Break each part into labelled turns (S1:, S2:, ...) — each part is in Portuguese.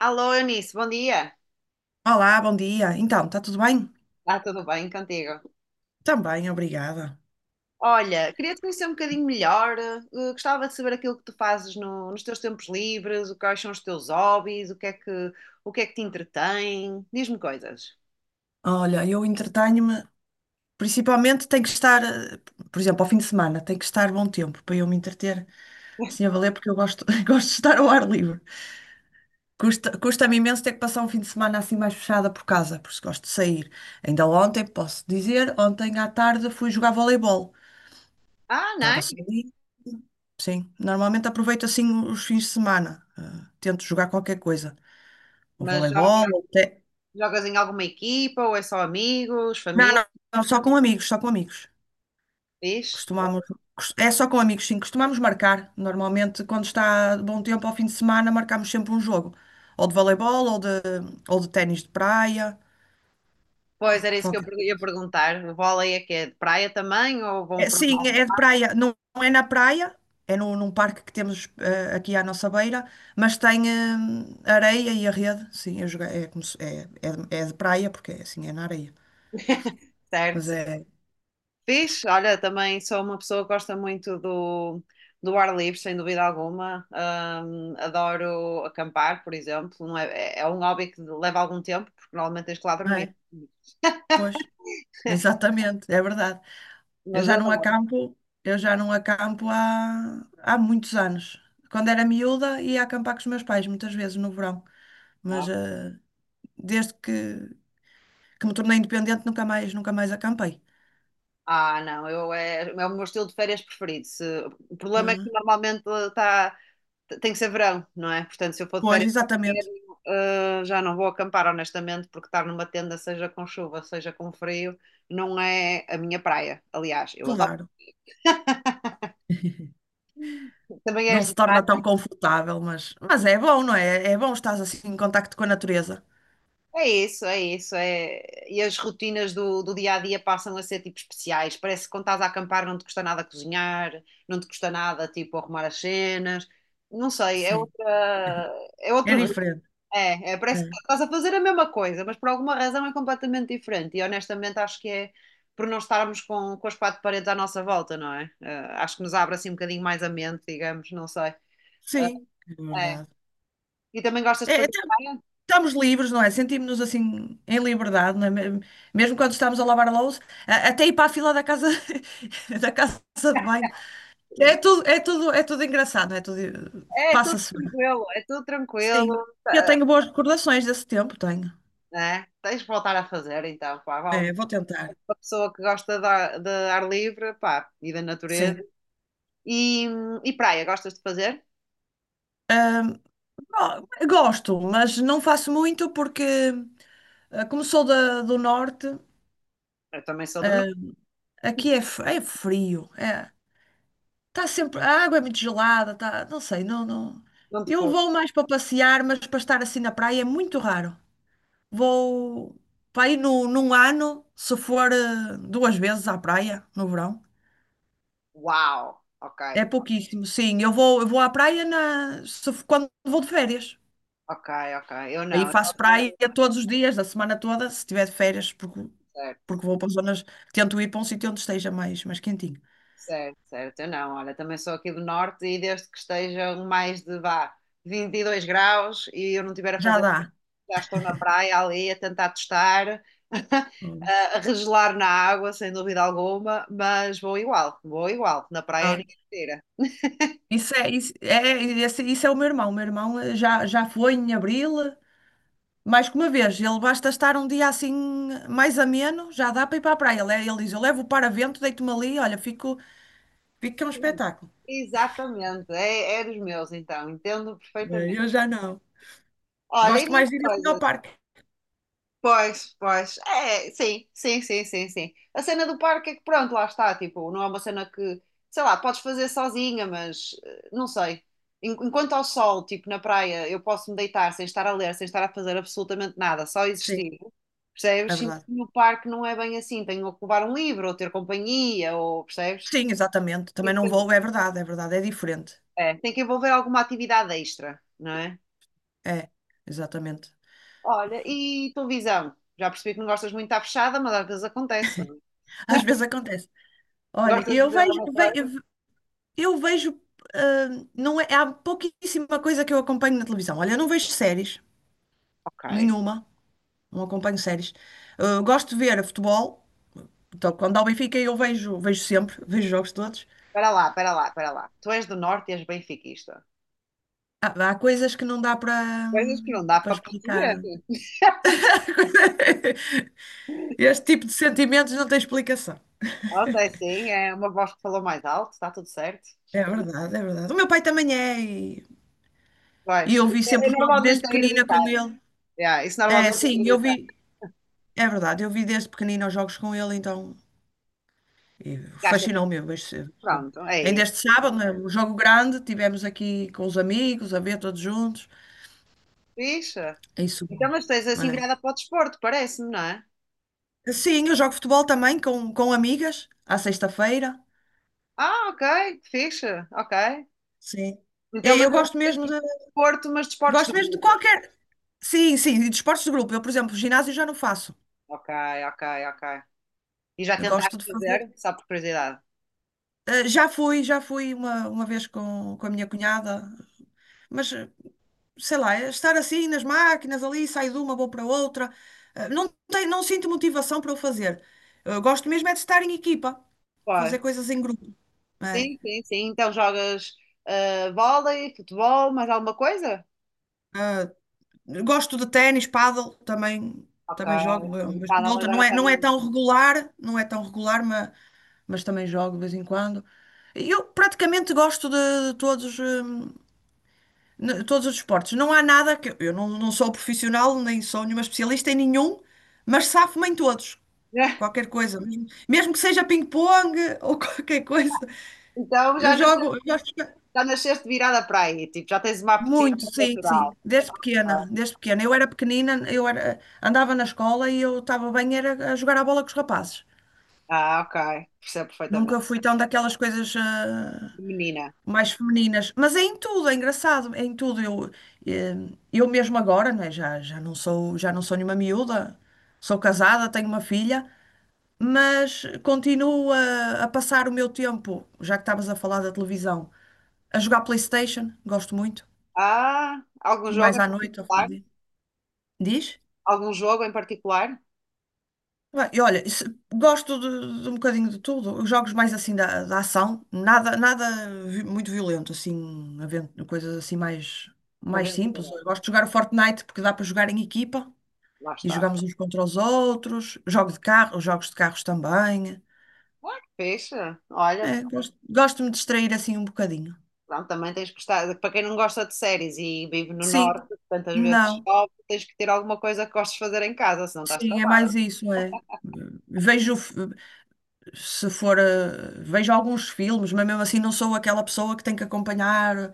S1: Alô, Eunice, bom dia.
S2: Olá, bom dia. Então, está tudo bem?
S1: Está tudo bem contigo?
S2: Também, obrigada.
S1: Olha, queria-te conhecer um bocadinho melhor. Gostava de saber aquilo que tu fazes nos teus tempos livres, quais são os teus hobbies, o que é que te entretém. Diz-me coisas.
S2: Olha, eu entretenho-me, principalmente tenho que estar, por exemplo, ao fim de semana, tem que estar bom tempo para eu me entreter assim a valer, porque eu gosto, gosto de estar ao ar livre. Custa-me imenso ter que passar um fim de semana assim mais fechada por casa, porque gosto de sair. Ainda ontem, posso dizer, ontem à tarde fui jogar voleibol.
S1: Ah, não?
S2: Estava
S1: É?
S2: só ali, sim. Normalmente aproveito assim os fins de semana, tento jogar qualquer coisa. O
S1: Mas
S2: voleibol, até.
S1: jogas em alguma equipa ou é só amigos,
S2: Não,
S1: família?
S2: não, não, só com amigos, só com amigos.
S1: Fixe?
S2: Costumamos, É só com amigos, sim. Costumamos marcar. Normalmente, quando está bom tempo ao fim de semana, marcamos sempre um jogo. Ou de voleibol, ou de ténis de praia.
S1: Pois era isso que eu
S2: Qualquer
S1: ia
S2: coisa.
S1: perguntar. O vôlei é que é de praia também ou vão
S2: É,
S1: para o
S2: sim,
S1: mar?
S2: é de praia. Não, não é na praia, é no, num parque que temos aqui à nossa beira, mas tem areia e a rede. Sim, é, como se- é, é de praia, porque é assim, é na areia. Mas
S1: Certo.
S2: é,
S1: Fixe, olha, também sou uma pessoa que gosta muito do, do ar livre, sem dúvida alguma. Adoro acampar, por exemplo. Não é, é é um hobby que leva algum tempo, porque normalmente tens que lá
S2: não
S1: dormir.
S2: é? Pois, exatamente, é verdade. Eu
S1: Mas
S2: já não
S1: adoro.
S2: acampo, eu já não acampo há muitos anos. Quando era miúda, ia acampar com os meus pais, muitas vezes no verão. Mas
S1: Ah,
S2: desde que, que me tornei independente, nunca mais, nunca mais acampei.
S1: não, eu é, é o meu estilo de férias preferido. O problema é que
S2: Ah,
S1: normalmente tá, tem que ser verão, não é? Portanto, se eu for de
S2: pois,
S1: férias,
S2: exatamente,
S1: inverno, ah, já não vou acampar, honestamente, porque estar numa tenda, seja com chuva, seja com frio, não é a minha praia. Aliás, eu adoro.
S2: claro.
S1: Também
S2: Não
S1: és de
S2: se
S1: praia.
S2: torna tão confortável, mas é bom, não é? É bom estar assim em contacto com a natureza.
S1: É isso, é isso. É... E as rotinas do, do dia a dia passam a ser tipo especiais. Parece que quando estás a acampar não te custa nada cozinhar, não te custa nada tipo arrumar as cenas. Não sei, é
S2: Sim,
S1: outra, é
S2: é
S1: outro ritmo.
S2: diferente.
S1: É, é, parece
S2: É.
S1: que estás a fazer a mesma coisa, mas por alguma razão é completamente diferente. E honestamente acho que é por não estarmos com as quatro paredes à nossa volta, não é? Acho que nos abre assim um bocadinho mais a mente, digamos, não sei. Eh,
S2: Sim, é
S1: É.
S2: verdade.
S1: E também gostas de
S2: É,
S1: fazer praia?
S2: estamos livres, não é? Sentimos-nos assim em liberdade, não é? Mesmo quando estamos a lavar a louça, até ir para a fila da casa, da casa de banho. É tudo, é tudo, é tudo engraçado, não é tudo
S1: É
S2: passa-se bem.
S1: é tudo tranquilo,
S2: Sim. Eu tenho boas recordações desse tempo, tenho.
S1: né? Tens de voltar a fazer então, pá, vale
S2: É, vou tentar.
S1: uma pessoa que gosta de ar livre, pá, e da natureza.
S2: Sim.
S1: E, e praia, gostas de fazer?
S2: Gosto, mas não faço muito porque como sou do norte,
S1: Eu também sou do norte,
S2: aqui é, é frio. É, está sempre. A água é muito gelada, tá, não sei, não, não.
S1: não te
S2: Eu
S1: pouco.
S2: vou mais para passear, mas para estar assim na praia é muito raro. Vou para ir no, num ano, se for duas vezes à praia no verão.
S1: Uau, ok,
S2: É pouquíssimo, sim. Eu vou à praia na, se f- quando vou de férias.
S1: ok, ok. Eu
S2: Aí
S1: não, eu só
S2: faço praia
S1: sou
S2: todos os dias, da semana toda, se tiver de férias,
S1: certo,
S2: porque vou para zonas, tento ir para um sítio onde esteja mais, mais quentinho.
S1: certo, certo. Eu não, olha, também sou aqui do norte e desde que estejam mais de vá 22 graus e eu não tiver a
S2: Já
S1: fazer
S2: dá.
S1: já estão na praia ali a tentar testar, a regelar na água, sem dúvida alguma, mas vou igual, vou igual. Na praia é ninguém tira.
S2: Isso é o meu irmão. O meu irmão já foi em abril, mais que uma vez. Ele basta estar um dia assim mais ameno, já dá para ir para a praia. Ele, é, ele diz: Eu levo o paravento, deito-me ali, olha, fico, fico que é um
S1: Sim,
S2: espetáculo.
S1: exatamente, é, é dos meus, então, entendo perfeitamente.
S2: Eu já não.
S1: Olha, e
S2: Gosto
S1: mais
S2: mais de ir assim ao
S1: coisas.
S2: parque.
S1: Pois, pois. É, sim, sim, sim, sim, sim. A cena do parque é que pronto, lá está, tipo, não é uma cena que, sei lá, podes fazer sozinha, mas não sei. Enquanto ao sol, tipo, na praia, eu posso me deitar sem estar a ler, sem estar a fazer absolutamente nada, só
S2: Sim,
S1: existir.
S2: é
S1: Percebes? Sinto
S2: verdade.
S1: que no parque não é bem assim. Tenho que levar um livro, ou ter companhia, ou percebes?
S2: Sim, exatamente. Também
S1: Isso
S2: não vou, é verdade, é verdade, é diferente.
S1: é, é, tem que envolver alguma atividade extra, não é?
S2: É, exatamente.
S1: Olha, e televisão? Já percebi que não gostas muito de estar fechada, mas às vezes acontece, não é?
S2: Às vezes acontece. Olha,
S1: Gostas de
S2: eu
S1: dizer
S2: vejo,
S1: alguma coisa?
S2: ve- eu vejo, ah, não é, há pouquíssima coisa que eu acompanho na televisão. Olha, eu não vejo séries.
S1: Ok.
S2: Nenhuma. Não acompanho séries. Ah, gosto de ver futebol. Então, quando há o Benfica, eu vejo, vejo sempre, vejo jogos todos.
S1: Espera lá, espera lá, espera lá. Tu és do Norte e és benfiquista.
S2: Há coisas que não dá
S1: Coisas que não dá
S2: para
S1: para
S2: explicar.
S1: perceber.
S2: Este tipo de sentimentos não tem explicação.
S1: Pronto, é assim, é uma voz que falou mais alto, está tudo certo.
S2: É verdade, é verdade. O meu pai também é,
S1: Pois,
S2: e eu
S1: é,
S2: vi
S1: é
S2: sempre os jogos
S1: normalmente
S2: desde
S1: a
S2: pequenina com
S1: hereditário.
S2: ele.
S1: Yeah, isso
S2: É,
S1: normalmente é
S2: sim, eu
S1: hereditário.
S2: vi, é verdade, eu vi desde pequenina os jogos com ele, então e
S1: Gasta tipo,
S2: fascinou-me este, este tempo.
S1: pronto, é
S2: Ainda este
S1: isso.
S2: sábado, né, o jogo grande, tivemos aqui com os amigos, a ver todos juntos.
S1: Fixe.
S2: É isso. Bom.
S1: Então, mas tens assim
S2: É.
S1: virada para o desporto, parece-me, não é?
S2: Sim, eu jogo futebol também com amigas, à sexta-feira.
S1: Ah, ok, fixe, ok.
S2: Sim.
S1: Então,
S2: E-
S1: mas
S2: Eu
S1: é
S2: gosto
S1: assim,
S2: mesmo de,
S1: desporto, mas desportos de
S2: Gosto mesmo de
S1: grupo.
S2: qualquer. Sim, sim, e de esportes de grupo. Eu, por exemplo, ginásio já não faço.
S1: Ok, ok, ok. E já
S2: Eu
S1: tentaste
S2: gosto de fazer.
S1: fazer, só por curiosidade?
S2: Já fui uma vez com a minha cunhada, mas sei lá, estar assim nas máquinas, ali saio de uma, vou para outra. Não tem, não sinto motivação para o fazer. Eu gosto mesmo é de estar em equipa, fazer
S1: Pois.
S2: coisas em grupo. Né?
S1: Sim, sim, sim. Então jogas ah, vôlei, futebol, mais alguma coisa?
S2: Gosto de ténis, pádel, também,
S1: Ok.
S2: também jogo,
S1: Mas o
S2: mas
S1: pádel
S2: por outra.
S1: agora
S2: Não é,
S1: está
S2: não é
S1: bem.
S2: tão regular, não é tão regular, mas também jogo de vez em quando. Eu praticamente de todos, todos os esportes. Não há nada que eu não, não sou profissional, nem sou nenhuma especialista em nenhum, mas safo-me em todos. Qualquer coisa, mesmo, mesmo que seja ping-pong ou qualquer coisa.
S1: Então
S2: Eu jogo, eu gosto de-
S1: já nasceste virada para aí. Tipo, já tens uma apetite
S2: Muito, sim, sim.
S1: natural.
S2: Desde
S1: Ah,
S2: pequena, desde pequena. Eu era, andava na escola e eu estava bem era a jogar a bola com os rapazes.
S1: ah, ok. Percebo
S2: Nunca
S1: perfeitamente.
S2: fui tão daquelas coisas
S1: Menina.
S2: mais femininas. Mas é em tudo, é engraçado, é em tudo. Eh, eu mesmo agora, não é? Já não sou, já não sou nenhuma miúda. Sou casada, tenho uma filha. Mas continuo a passar o meu tempo, já que estavas a falar da televisão, a jogar PlayStation, gosto muito,
S1: Ah, algum
S2: e
S1: jogo
S2: mais
S1: em
S2: à noite, ao
S1: particular?
S2: fazer. Diz?
S1: Algum jogo em particular?
S2: Bem, E olha, se- gosto de um bocadinho de tudo, os jogos mais assim da ação, nada muito violento, assim, havendo coisas assim mais,
S1: Da
S2: mais simples.
S1: aventura.
S2: Eu gosto de jogar o Fortnite porque dá para jogar em equipa
S1: Lá
S2: e
S1: está.
S2: jogamos uns contra os outros, jogo de carro, jogos de carros também.
S1: Ah, que fixe.
S2: É,
S1: Olha,
S2: gosto, gosto de me distrair assim um bocadinho.
S1: pronto, também tens que estar. Para quem não gosta de séries e vive no
S2: Sim,
S1: norte, tantas vezes
S2: não.
S1: chove, tens que ter alguma coisa que gostes de fazer em casa, senão estás
S2: Sim, é mais
S1: travado.
S2: isso, é. Vejo, f- se for, eh, Vejo alguns filmes, mas mesmo assim não sou aquela pessoa que tem que acompanhar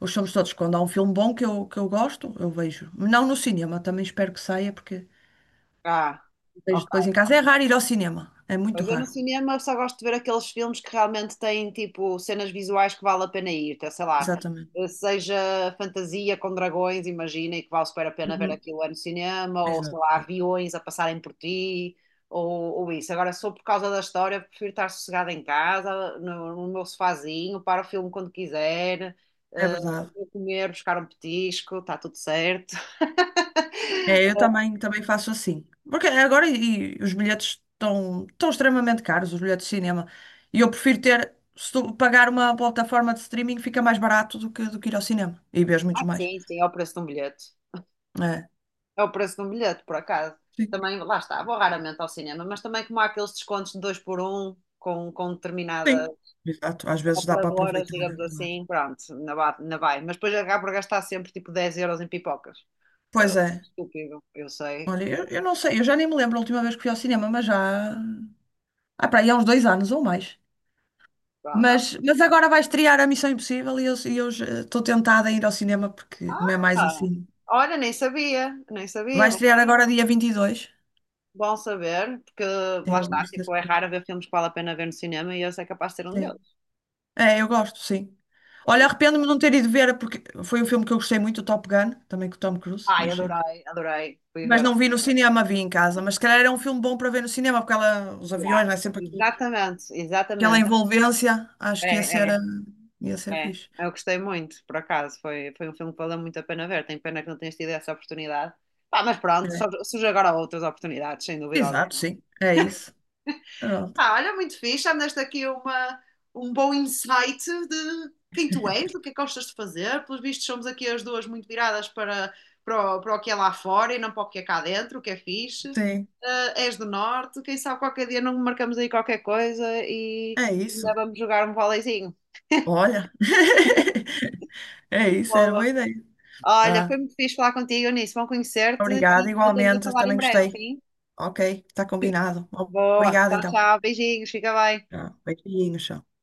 S2: os filmes todos. Quando há um filme bom que eu gosto, eu vejo. Não no cinema, também espero que saia, porque
S1: Ah,
S2: vejo
S1: ok.
S2: depois em casa. É raro ir ao cinema, é muito
S1: Mas eu no
S2: raro.
S1: cinema só gosto de ver aqueles filmes que realmente têm tipo cenas visuais que vale a pena ir, então, sei lá,
S2: Exatamente.
S1: seja fantasia com dragões, imagina, e que vale super a pena ver
S2: Uhum,
S1: aquilo é no cinema, ou sei lá,
S2: exato.
S1: aviões a passarem por ti, ou isso. Agora, sou por causa da história, prefiro estar sossegada em casa, no, no meu sofazinho, para o filme quando quiser,
S2: É
S1: eh,
S2: verdade.
S1: vou comer, buscar um petisco, está tudo certo.
S2: É, eu também, também faço assim. Porque agora os bilhetes estão, estão extremamente caros, os bilhetes de cinema. E eu prefiro ter, se tu pagar uma plataforma de streaming, fica mais barato do que ir ao cinema. E vês muitos
S1: Ah,
S2: mais.
S1: sim, sim, é o preço de um bilhete.
S2: É.
S1: É o preço de um bilhete, por acaso.
S2: Sim,
S1: Também, lá está, vou raramente ao cinema, mas também como há aqueles descontos de dois por um com determinadas
S2: sim. Exato, às vezes dá para
S1: operadoras,
S2: aproveitar. É
S1: digamos
S2: verdade.
S1: assim, pronto, na, na vai. Mas depois acabo por gastar sempre tipo 10 euros em pipocas.
S2: Pois
S1: Ah,
S2: é.
S1: estúpido, eu sei.
S2: Olha, eu não sei, eu já nem me lembro a última vez que fui ao cinema, mas já. Ah, para aí há uns dois anos ou mais.
S1: Pronto.
S2: Mas agora vai estrear a Missão Impossível e eu já estou tentada a ir ao cinema porque não é mais
S1: Ah,
S2: assim.
S1: olha, nem sabia, nem
S2: Vai
S1: sabia.
S2: estrear agora dia 22.
S1: Bom saber, porque lá
S2: Eu
S1: está,
S2: gosto desse
S1: tipo, é
S2: filme.
S1: raro ver filmes que vale a pena ver no cinema e esse é capaz de ser um
S2: Sim.
S1: deles.
S2: É, eu gosto, sim. Olha, arrependo-me de não ter ido ver, porque foi um filme que eu gostei muito, o Top Gun, também com o Tom Cruise,
S1: Ai, adorei, adorei. Fui
S2: mas
S1: ver.
S2: não vi no cinema, vi em casa. Mas se calhar era um filme bom para ver no cinema, porque ela, os
S1: Yeah.
S2: aviões, né,
S1: Exatamente,
S2: aquela
S1: exatamente.
S2: envolvência, acho que ia ser,
S1: É, é,
S2: ia ser
S1: é.
S2: fixe.
S1: Eu gostei muito, por acaso. Foi, foi um filme que valeu muito a pena ver. Tenho pena que não tenhas tido essa oportunidade. Pá, mas pronto,
S2: É.
S1: surge agora outras oportunidades, sem dúvida
S2: Exato,
S1: alguma.
S2: sim, é isso. Pronto.
S1: Ah, olha, muito fixe. Já me deste aqui uma, um bom insight de quem tu és, do que é que gostas de fazer. Pelos vistos, somos aqui as duas muito viradas para, para, o, para o que é lá fora e não para o que é cá dentro, o que é fixe.
S2: Sim,
S1: Ah, és do Norte, quem sabe qualquer dia não marcamos aí qualquer coisa e
S2: é
S1: ainda
S2: isso.
S1: vamos jogar um voleizinho.
S2: Olha, é isso, era boa ideia.
S1: Olha, foi
S2: Tá.
S1: muito fixe falar contigo, Eunice. Bom conhecer-te
S2: Obrigada,
S1: e voltamos a
S2: igualmente,
S1: falar em
S2: também
S1: breve,
S2: gostei.
S1: sim?
S2: Ok, está combinado.
S1: Boa.
S2: Obrigada,
S1: Tchau,
S2: então.
S1: tchau. Beijinhos. Fica bem.
S2: Tá. Beijinhos. Tchau.